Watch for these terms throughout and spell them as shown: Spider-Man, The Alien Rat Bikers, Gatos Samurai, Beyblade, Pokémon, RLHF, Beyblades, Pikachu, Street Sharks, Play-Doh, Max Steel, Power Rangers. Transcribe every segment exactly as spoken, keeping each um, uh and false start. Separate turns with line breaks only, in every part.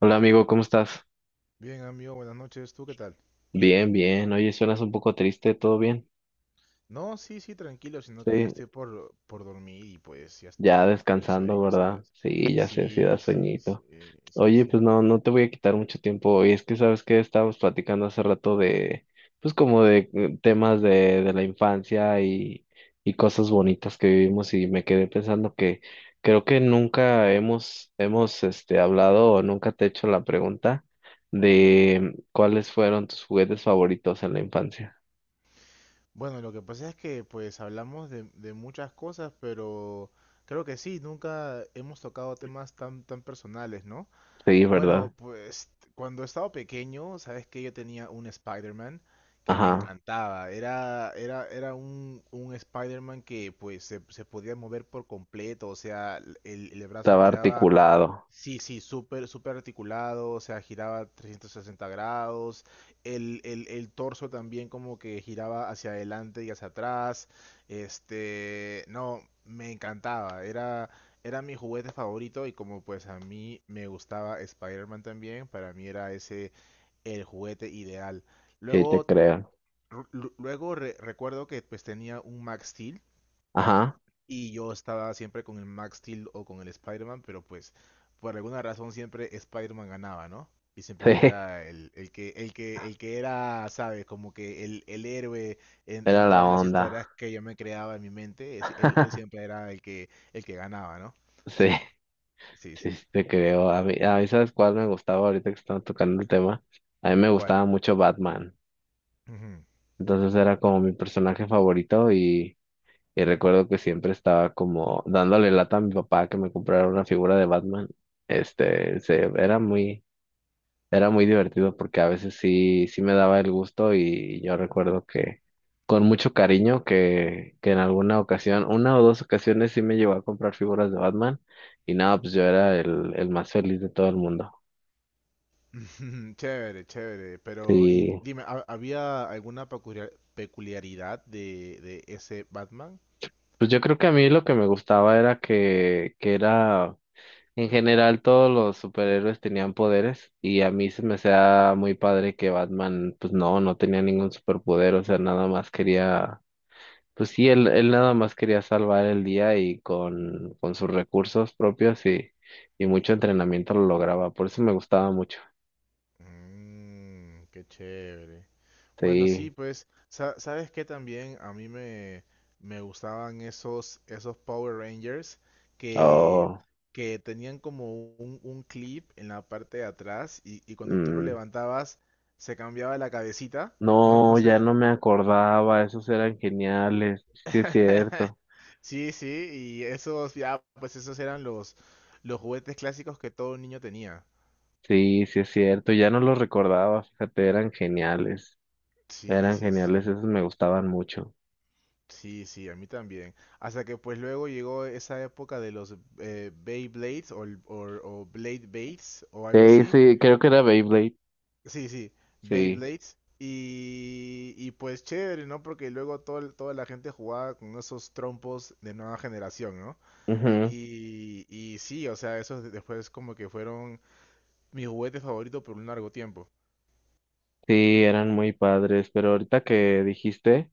Hola amigo, ¿cómo estás?
Bien, amigo, buenas noches. ¿Tú qué tal?
Bien, bien. Oye, suenas un poco triste, ¿todo bien?
No, sí, sí, tranquilo, sino que ya
Sí,
estoy por, por dormir y pues ya estoy
ya
con todo el
descansando,
sueño,
¿verdad?
¿sabes?
Sí, ya sé, sí da
Sí, sí,
sueñito.
sí, eh, sí,
Oye,
sí.
pues no, no te voy a quitar mucho tiempo hoy. Es que sabes que estábamos platicando hace rato de, pues como de eh, temas de, de la infancia y, y cosas bonitas que vivimos y me quedé pensando que creo que nunca hemos, hemos, este, hablado o nunca te he hecho la pregunta de cuáles fueron tus juguetes favoritos en la infancia.
Bueno, lo que pasa es que pues hablamos de, de muchas cosas, pero creo que sí, nunca hemos tocado temas tan, tan personales, ¿no?
Sí, ¿verdad?
Bueno, pues cuando estaba pequeño, sabes que yo tenía un Spider-Man que me
Ajá,
encantaba. Era, era, era un, un Spider-Man que pues se, se podía mover por completo, o sea, el, el brazo
estaba
giraba.
articulado,
Sí, sí, súper, súper articulado, o sea, giraba trescientos sesenta grados, el, el, el torso también como que giraba hacia adelante y hacia atrás, este, no, me encantaba, era, era mi juguete favorito y como pues a mí me gustaba Spider-Man también, para mí era ese el juguete ideal.
sí te
Luego,
creo.
ru- lu- luego re- recuerdo que pues tenía un Max
Ajá,
y yo estaba siempre con el Max Steel o con el Spider-Man, pero pues por alguna razón siempre Spider-Man ganaba, ¿no? Y siempre
sí,
era el, el que, el que, el que era, ¿sabes? Como que el, el héroe en,
era
en
la
todas las historias
onda.
que yo me creaba en mi mente, es- él, él siempre era el que, el que ganaba, ¿no?
Sí,
Sí, sí,
sí,
sí.
sí te creo. A mí, a mí, ¿sabes cuál me gustaba ahorita que estaba tocando el tema? A mí me
¿Cuál?
gustaba mucho Batman.
Ujú.
Entonces era como mi personaje favorito y, y recuerdo que siempre estaba como dándole lata a mi papá que me comprara una figura de Batman. Este, se, era muy... Era muy divertido porque a veces sí, sí me daba el gusto y yo recuerdo que con mucho cariño que, que en alguna ocasión, una o dos ocasiones sí me llevó a comprar figuras de Batman y nada, pues yo era el, el más feliz de todo el mundo.
Chévere, chévere. Pero, y
Sí,
dime, ¿ha- ¿había alguna peculiar- peculiaridad de, de ese Batman?
pues yo creo que a mí lo que me gustaba era que, que era, en general todos los superhéroes tenían poderes y a mí se me hacía muy padre que Batman, pues no, no tenía ningún superpoder, o sea, nada más quería. Pues sí, él, él nada más quería salvar el día y con, con sus recursos propios y, y mucho entrenamiento lo lograba. Por eso me gustaba mucho.
Mmm, qué chévere. Bueno, sí,
Sí.
pues, sa- ¿sabes qué también? A mí me, me gustaban esos, esos Power Rangers que,
Oh,
que tenían como un, un clip en la parte de atrás y, y cuando tú lo
mm,
levantabas se cambiaba la cabecita. No, no
no,
sé.
ya no me acordaba. Esos eran geniales. Sí es cierto.
Sí, sí, y esos, ya, pues esos eran los, los juguetes clásicos que todo niño tenía.
Sí, sí es cierto. Ya no los recordaba. Fíjate, eran geniales.
Sí,
Eran
sí,
geniales.
sí.
Esos me gustaban mucho.
Sí, sí, a mí también. Hasta que pues luego llegó esa época de los eh, Beyblades o, el- o, o Blade Bates o algo
Sí,
así.
sí, creo que era Beyblade.
Sí, sí,
Sí.
Beyblades. Y, y pues chévere, ¿no? Porque luego todo, el- toda la gente jugaba con esos trompos de nueva generación, ¿no?
Ujú.
Y, y sí, o sea, esos de- después como que fueron mi juguete favorito por un largo tiempo.
Sí, eran muy padres. Pero ahorita que dijiste...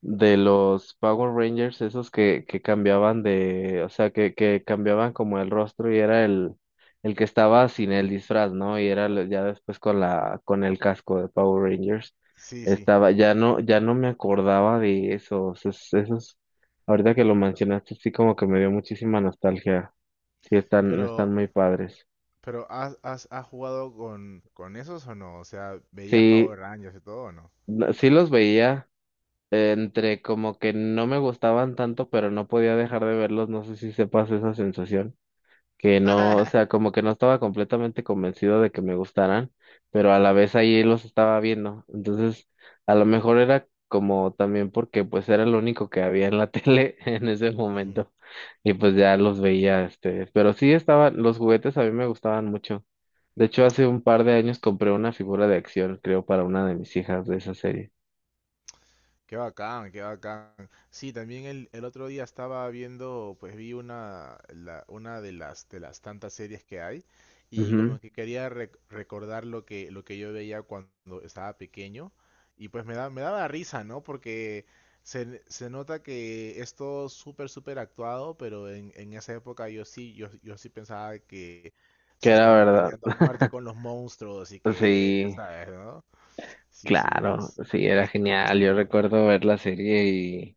de los Power Rangers, esos que, que cambiaban de, o sea, que, que cambiaban como el rostro y era el, el que estaba sin el disfraz, ¿no? Y era lo- ya después con la, con el casco de Power Rangers.
Sí, sí.
Estaba, ya no, ya no me acordaba de esos, es- esos, ahorita que lo mencionaste, sí como que me dio muchísima nostalgia. Sí, están,
Pero,
están muy padres.
pero ¿has, has, ¿has jugado con, con esos o no? O sea, ¿veías
Sí,
Power Rangers y todo o no?
no- sí los veía eh, entre como que no me gustaban tanto, pero no podía dejar de verlos, no sé si sepas esa sensación. Que no, o sea, como que no estaba completamente convencido de que me gustaran, pero a la vez ahí los estaba viendo. Entonces, a lo mejor era como también porque pues era lo único que había en la tele en ese
Ujú.
momento y pues ya los veía, este, pero sí estaban, los juguetes a mí me gustaban mucho. De hecho, hace un par de años compré una figura de acción, creo, para una de mis hijas de esa serie.
Qué bacán, qué bacán. Sí, también el, el otro día estaba viendo, pues vi una, la- una de las, de las tantas series que hay y
Ujú.
como que quería rec- recordar lo que, lo que yo veía cuando estaba pequeño y pues me da, me daba risa, ¿no? Porque se, se nota que es todo súper, súper actuado, pero en, en esa época yo sí, yo, yo sí pensaba que
Que
se
era
estaban
verdad.
peleando a muerte con los monstruos y que,
Sí,
¿sabes, no? Sí, sí,
claro,
bas-
sí, era
bas-
genial. Yo
bastante bueno.
recuerdo ver la serie.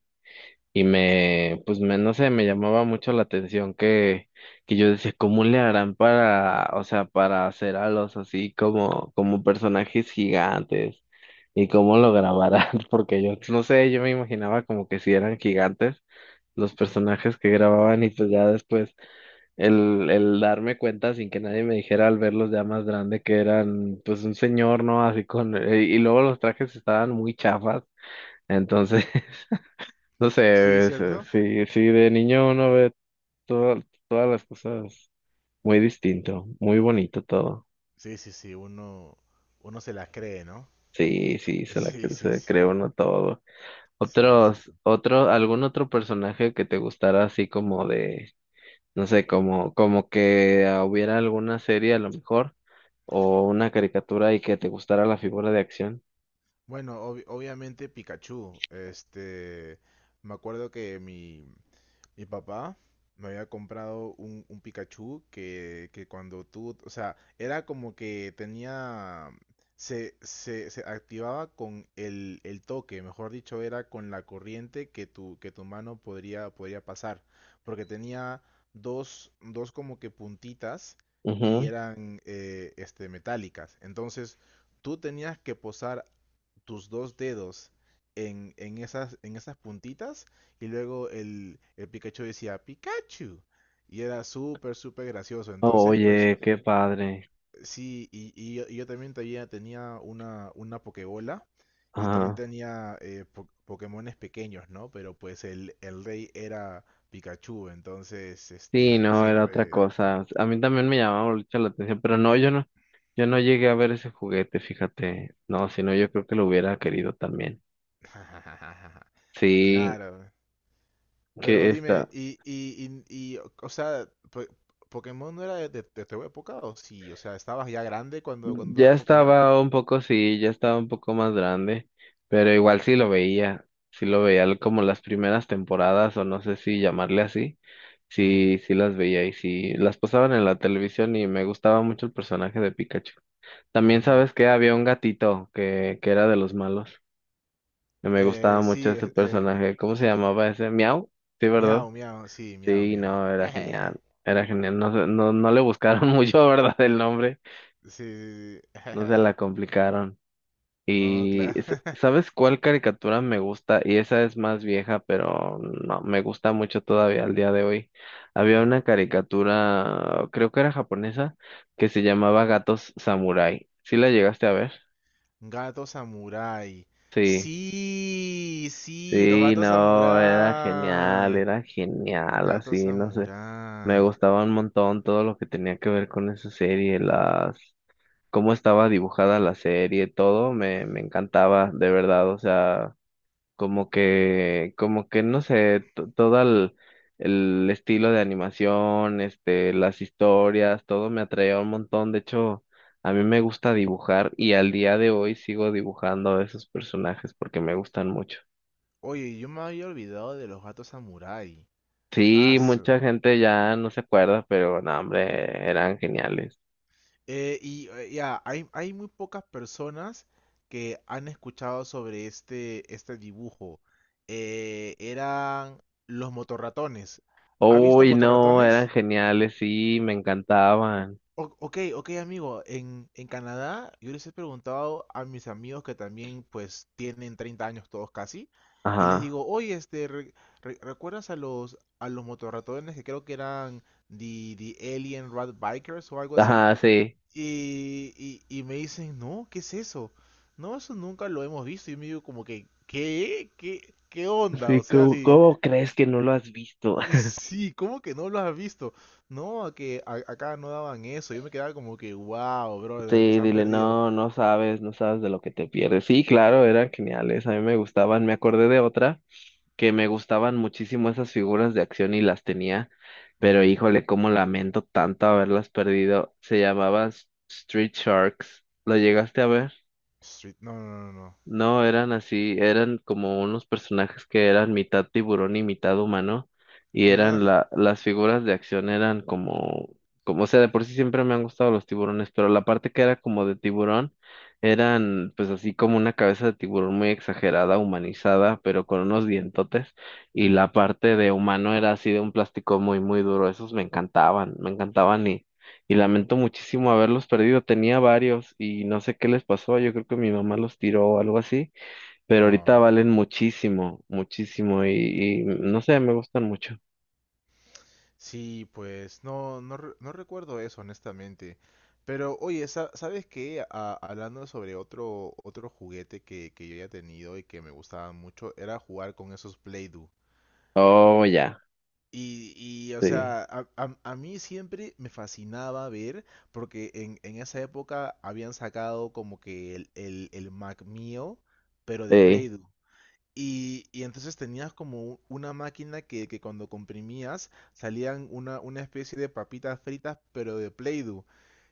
Y me, pues me, no sé, me llamaba mucho la atención que, que yo decía, ¿cómo le harán para, o sea, para hacer a los así como, como personajes gigantes? ¿Y cómo lo grabarán? Porque yo, no sé, yo me imaginaba como que si eran gigantes los personajes que grababan y pues ya después el, el darme cuenta sin que nadie me dijera al verlos ya más grande que eran pues un señor, ¿no? Así con, eh, y luego los trajes estaban muy chafas, entonces... No
Sí,
sé, es, eh,
¿cierto?
sí, sí, de niño uno ve toda- todas las cosas muy distinto, muy bonito todo.
Sí, sí, sí, uno, uno se la cree, ¿no?
Sí, sí, se la
Sí,
cre-
sí,
se cree
sí,
uno todo.
sí, sí,
Otros,
sí.
otro, algún otro personaje que te gustara así como de, no sé, como, como que ah, hubiera alguna serie a lo mejor, o una caricatura y que te gustara la figura de acción.
Bueno, obvi- obviamente Pikachu, este, me acuerdo que mi, mi papá me había comprado un, un Pikachu que, que cuando tú, o sea, era como que tenía, se, se, se activaba con el, el toque, mejor dicho, era con la corriente que tu, que tu mano podría, podría pasar, porque tenía dos, dos como que puntitas y
Ujú.
eran eh, este, metálicas. Entonces, tú tenías que posar tus dos dedos en, en, esas, en esas puntitas y luego el, el Pikachu decía Pikachu. Y era súper, súper gracioso. Entonces, pues
Oye, qué padre.
sí, y, y yo, y yo también tenía, tenía una, una Pokébola y también
Ajá.
tenía eh, po- Pokémones pequeños, ¿no? Pero pues el, el rey era Pikachu, entonces,
Sí,
este,
no, era otra
siempre, ¿no?
cosa. A mí también me llamaba mucho la atención, pero no, yo no, yo no llegué a ver ese juguete, fíjate. No, si no, yo creo que lo hubiera querido también. Sí,
Claro,
que
pero dime,
está,
y, y, y, y, o sea, po- ¿Pokémon no era de, de- de tu época o sí? O sea, ¿estabas ya grande cuando, cuando
ya
daba Pokémon?
estaba un poco, sí, ya estaba un poco más grande, pero igual sí lo veía, sí lo veía l- como las primeras temporadas, o no sé si llamarle así,
Ujú,
sí, sí las veía y sí, las pasaban en la televisión y me gustaba mucho el personaje de Pikachu. También
ujú.
sabes que había un gatito que, que era de los malos. Me gustaba
Eh,
mucho
sí,
ese
es- eh,
personaje. ¿Cómo se llamaba ese? ¿Miau? Sí,
miau,
¿verdad?
miau, sí, miau,
Sí,
miau.
no, era genial. Era genial. No, se- no, no le buscaron mucho, ¿verdad? El nombre.
Sí, sí, sí.
No se la complicaron.
No, claro.
Y s- ¿sabes cuál caricatura me gusta? Y esa es más vieja, pero no, me gusta mucho todavía al día de hoy. Había
Ujú.
una caricatura, creo que era japonesa, que se llamaba Gatos Samurai. ¿Sí la llegaste a ver?
Gato samurái.
Sí.
Sí, sí, los
Sí,
gatos
no, era genial,
samurái.
era genial,
Gato
así, no sé. Me
samurái.
gustaba un montón todo lo que tenía que ver con esa serie, las, cómo estaba dibujada la serie, todo me, me encantaba, de verdad, o sea, como que, como que, no sé, to- todo el, el estilo de animación, este, las historias, todo me atraía un montón, de hecho, a mí me gusta dibujar y al día de hoy sigo dibujando a esos personajes porque me gustan mucho.
Oye, yo me había olvidado de los gatos samurái. Ah,
Sí, mucha gente ya no se acuerda, pero no, hombre, eran geniales.
eh, y eh, ya, hay, hay muy pocas personas que han escuchado sobre este, este dibujo. Eh, eran los motorratones. ¿Has visto
Uy, no, eran
motorratones?
geniales, sí, me encantaban.
O- ok, ok, amigo. En, en Canadá, yo les he preguntado a mis amigos que también, pues, tienen treinta años todos casi. Y les
Ajá,
digo, oye, este, re- re- ¿recuerdas a los, a los motorratones que creo que eran The, the Alien Rat Bikers o algo así?
ajá, sí.
Y, y, y me dicen, no, ¿qué es eso? No, eso nunca lo hemos visto. Y me digo como que, ¿qué? ¿Qué, qué onda? O
Sí,
sea,
¿cómo,
sí,
cómo crees que no lo has visto?
sí, ¿cómo que no lo has visto? No, que a- acá no daban eso. Yo me quedaba como que, wow, bro, de lo que
Sí,
se han
dile,
perdido.
no, no sabes, no sabes de lo que te pierdes. Sí, claro, eran geniales, a mí me gustaban, me acordé de otra que me gustaban muchísimo esas figuras de acción y las tenía, pero
Ujú.
híjole, cómo lamento tanto haberlas perdido. Se llamaba S- Street Sharks, ¿lo llegaste a ver?
Street, no, no, no, no.
No, eran así, eran como unos personajes que eran mitad tiburón y mitad humano, y
¿De
eran
verdad?
la, las figuras de acción eran como, como, o sea, de por sí siempre me han gustado los tiburones, pero la parte que era como de tiburón, eran pues así como una cabeza de tiburón muy exagerada, humanizada, pero con unos dientotes, y la parte de humano era así de un plástico muy, muy duro, esos me encantaban, me encantaban y lamento muchísimo haberlos perdido. Tenía varios y no sé qué les pasó. Yo creo que mi mamá los tiró o algo así, pero ahorita
No.
valen muchísimo, muchísimo y, y no sé, me gustan mucho.
Sí, pues no, no, re- no recuerdo eso, honestamente. Pero oye, sa- ¿sabes qué? A- hablando sobre otro, otro juguete que, que yo ya he tenido y que me gustaba mucho, era jugar con esos Play-Doh.
Oh, ya,
Y, y, o
sí,
sea, a, a- a mí siempre me fascinaba ver, porque en, en esa época habían sacado como que el, el, el Mac mío, pero de
sí,
Play-Doh. Y, y entonces tenías como una máquina que, que cuando comprimías salían una, una especie de papitas fritas, pero de Play-Doh.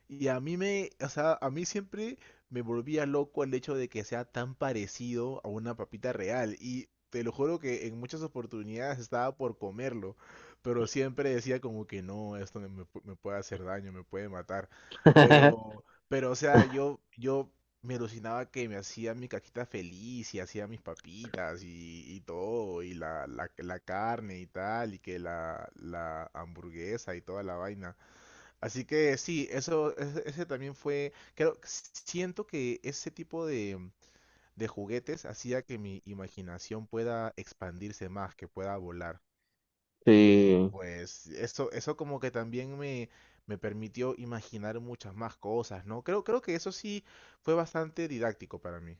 Y a mí me, o sea, a mí siempre me volvía loco el hecho de que sea tan parecido a una papita real. Y te lo juro que en muchas oportunidades estaba por comerlo, pero siempre decía como que no, esto me, me pu- me puede hacer daño, me puede matar. Pero, pero, o sea, yo, yo me alucinaba que me hacía mi caquita feliz y hacía mis papitas y, y todo, y la, la, la carne y tal, y que la, la hamburguesa y toda la vaina. Así que sí, eso, ese, ese también fue, creo, siento que ese tipo de, de juguetes hacía que mi imaginación pueda expandirse más, que pueda volar. Y
sí,
pues eso, eso como que también me, me permitió imaginar muchas más cosas, ¿no? Creo, creo que eso sí fue bastante didáctico para mí.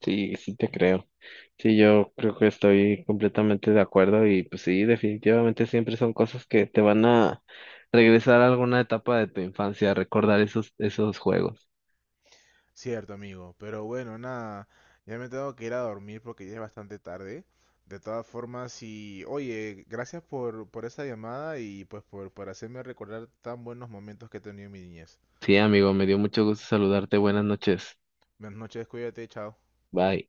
sí, sí te creo. Sí, yo creo que estoy completamente de acuerdo y pues sí, definitivamente siempre son cosas que te van a regresar a alguna etapa de tu infancia, recordar esos, esos juegos.
Cierto, amigo. Pero bueno, nada. Ya me tengo que ir a dormir porque ya es bastante tarde. De todas formas, y oye, gracias por, por esa llamada y pues por, por hacerme recordar tan buenos momentos que he tenido en mi niñez.
Sí, amigo, me dio mucho gusto saludarte. Buenas noches.
Buenas noches, cuídate, chao.
Bye.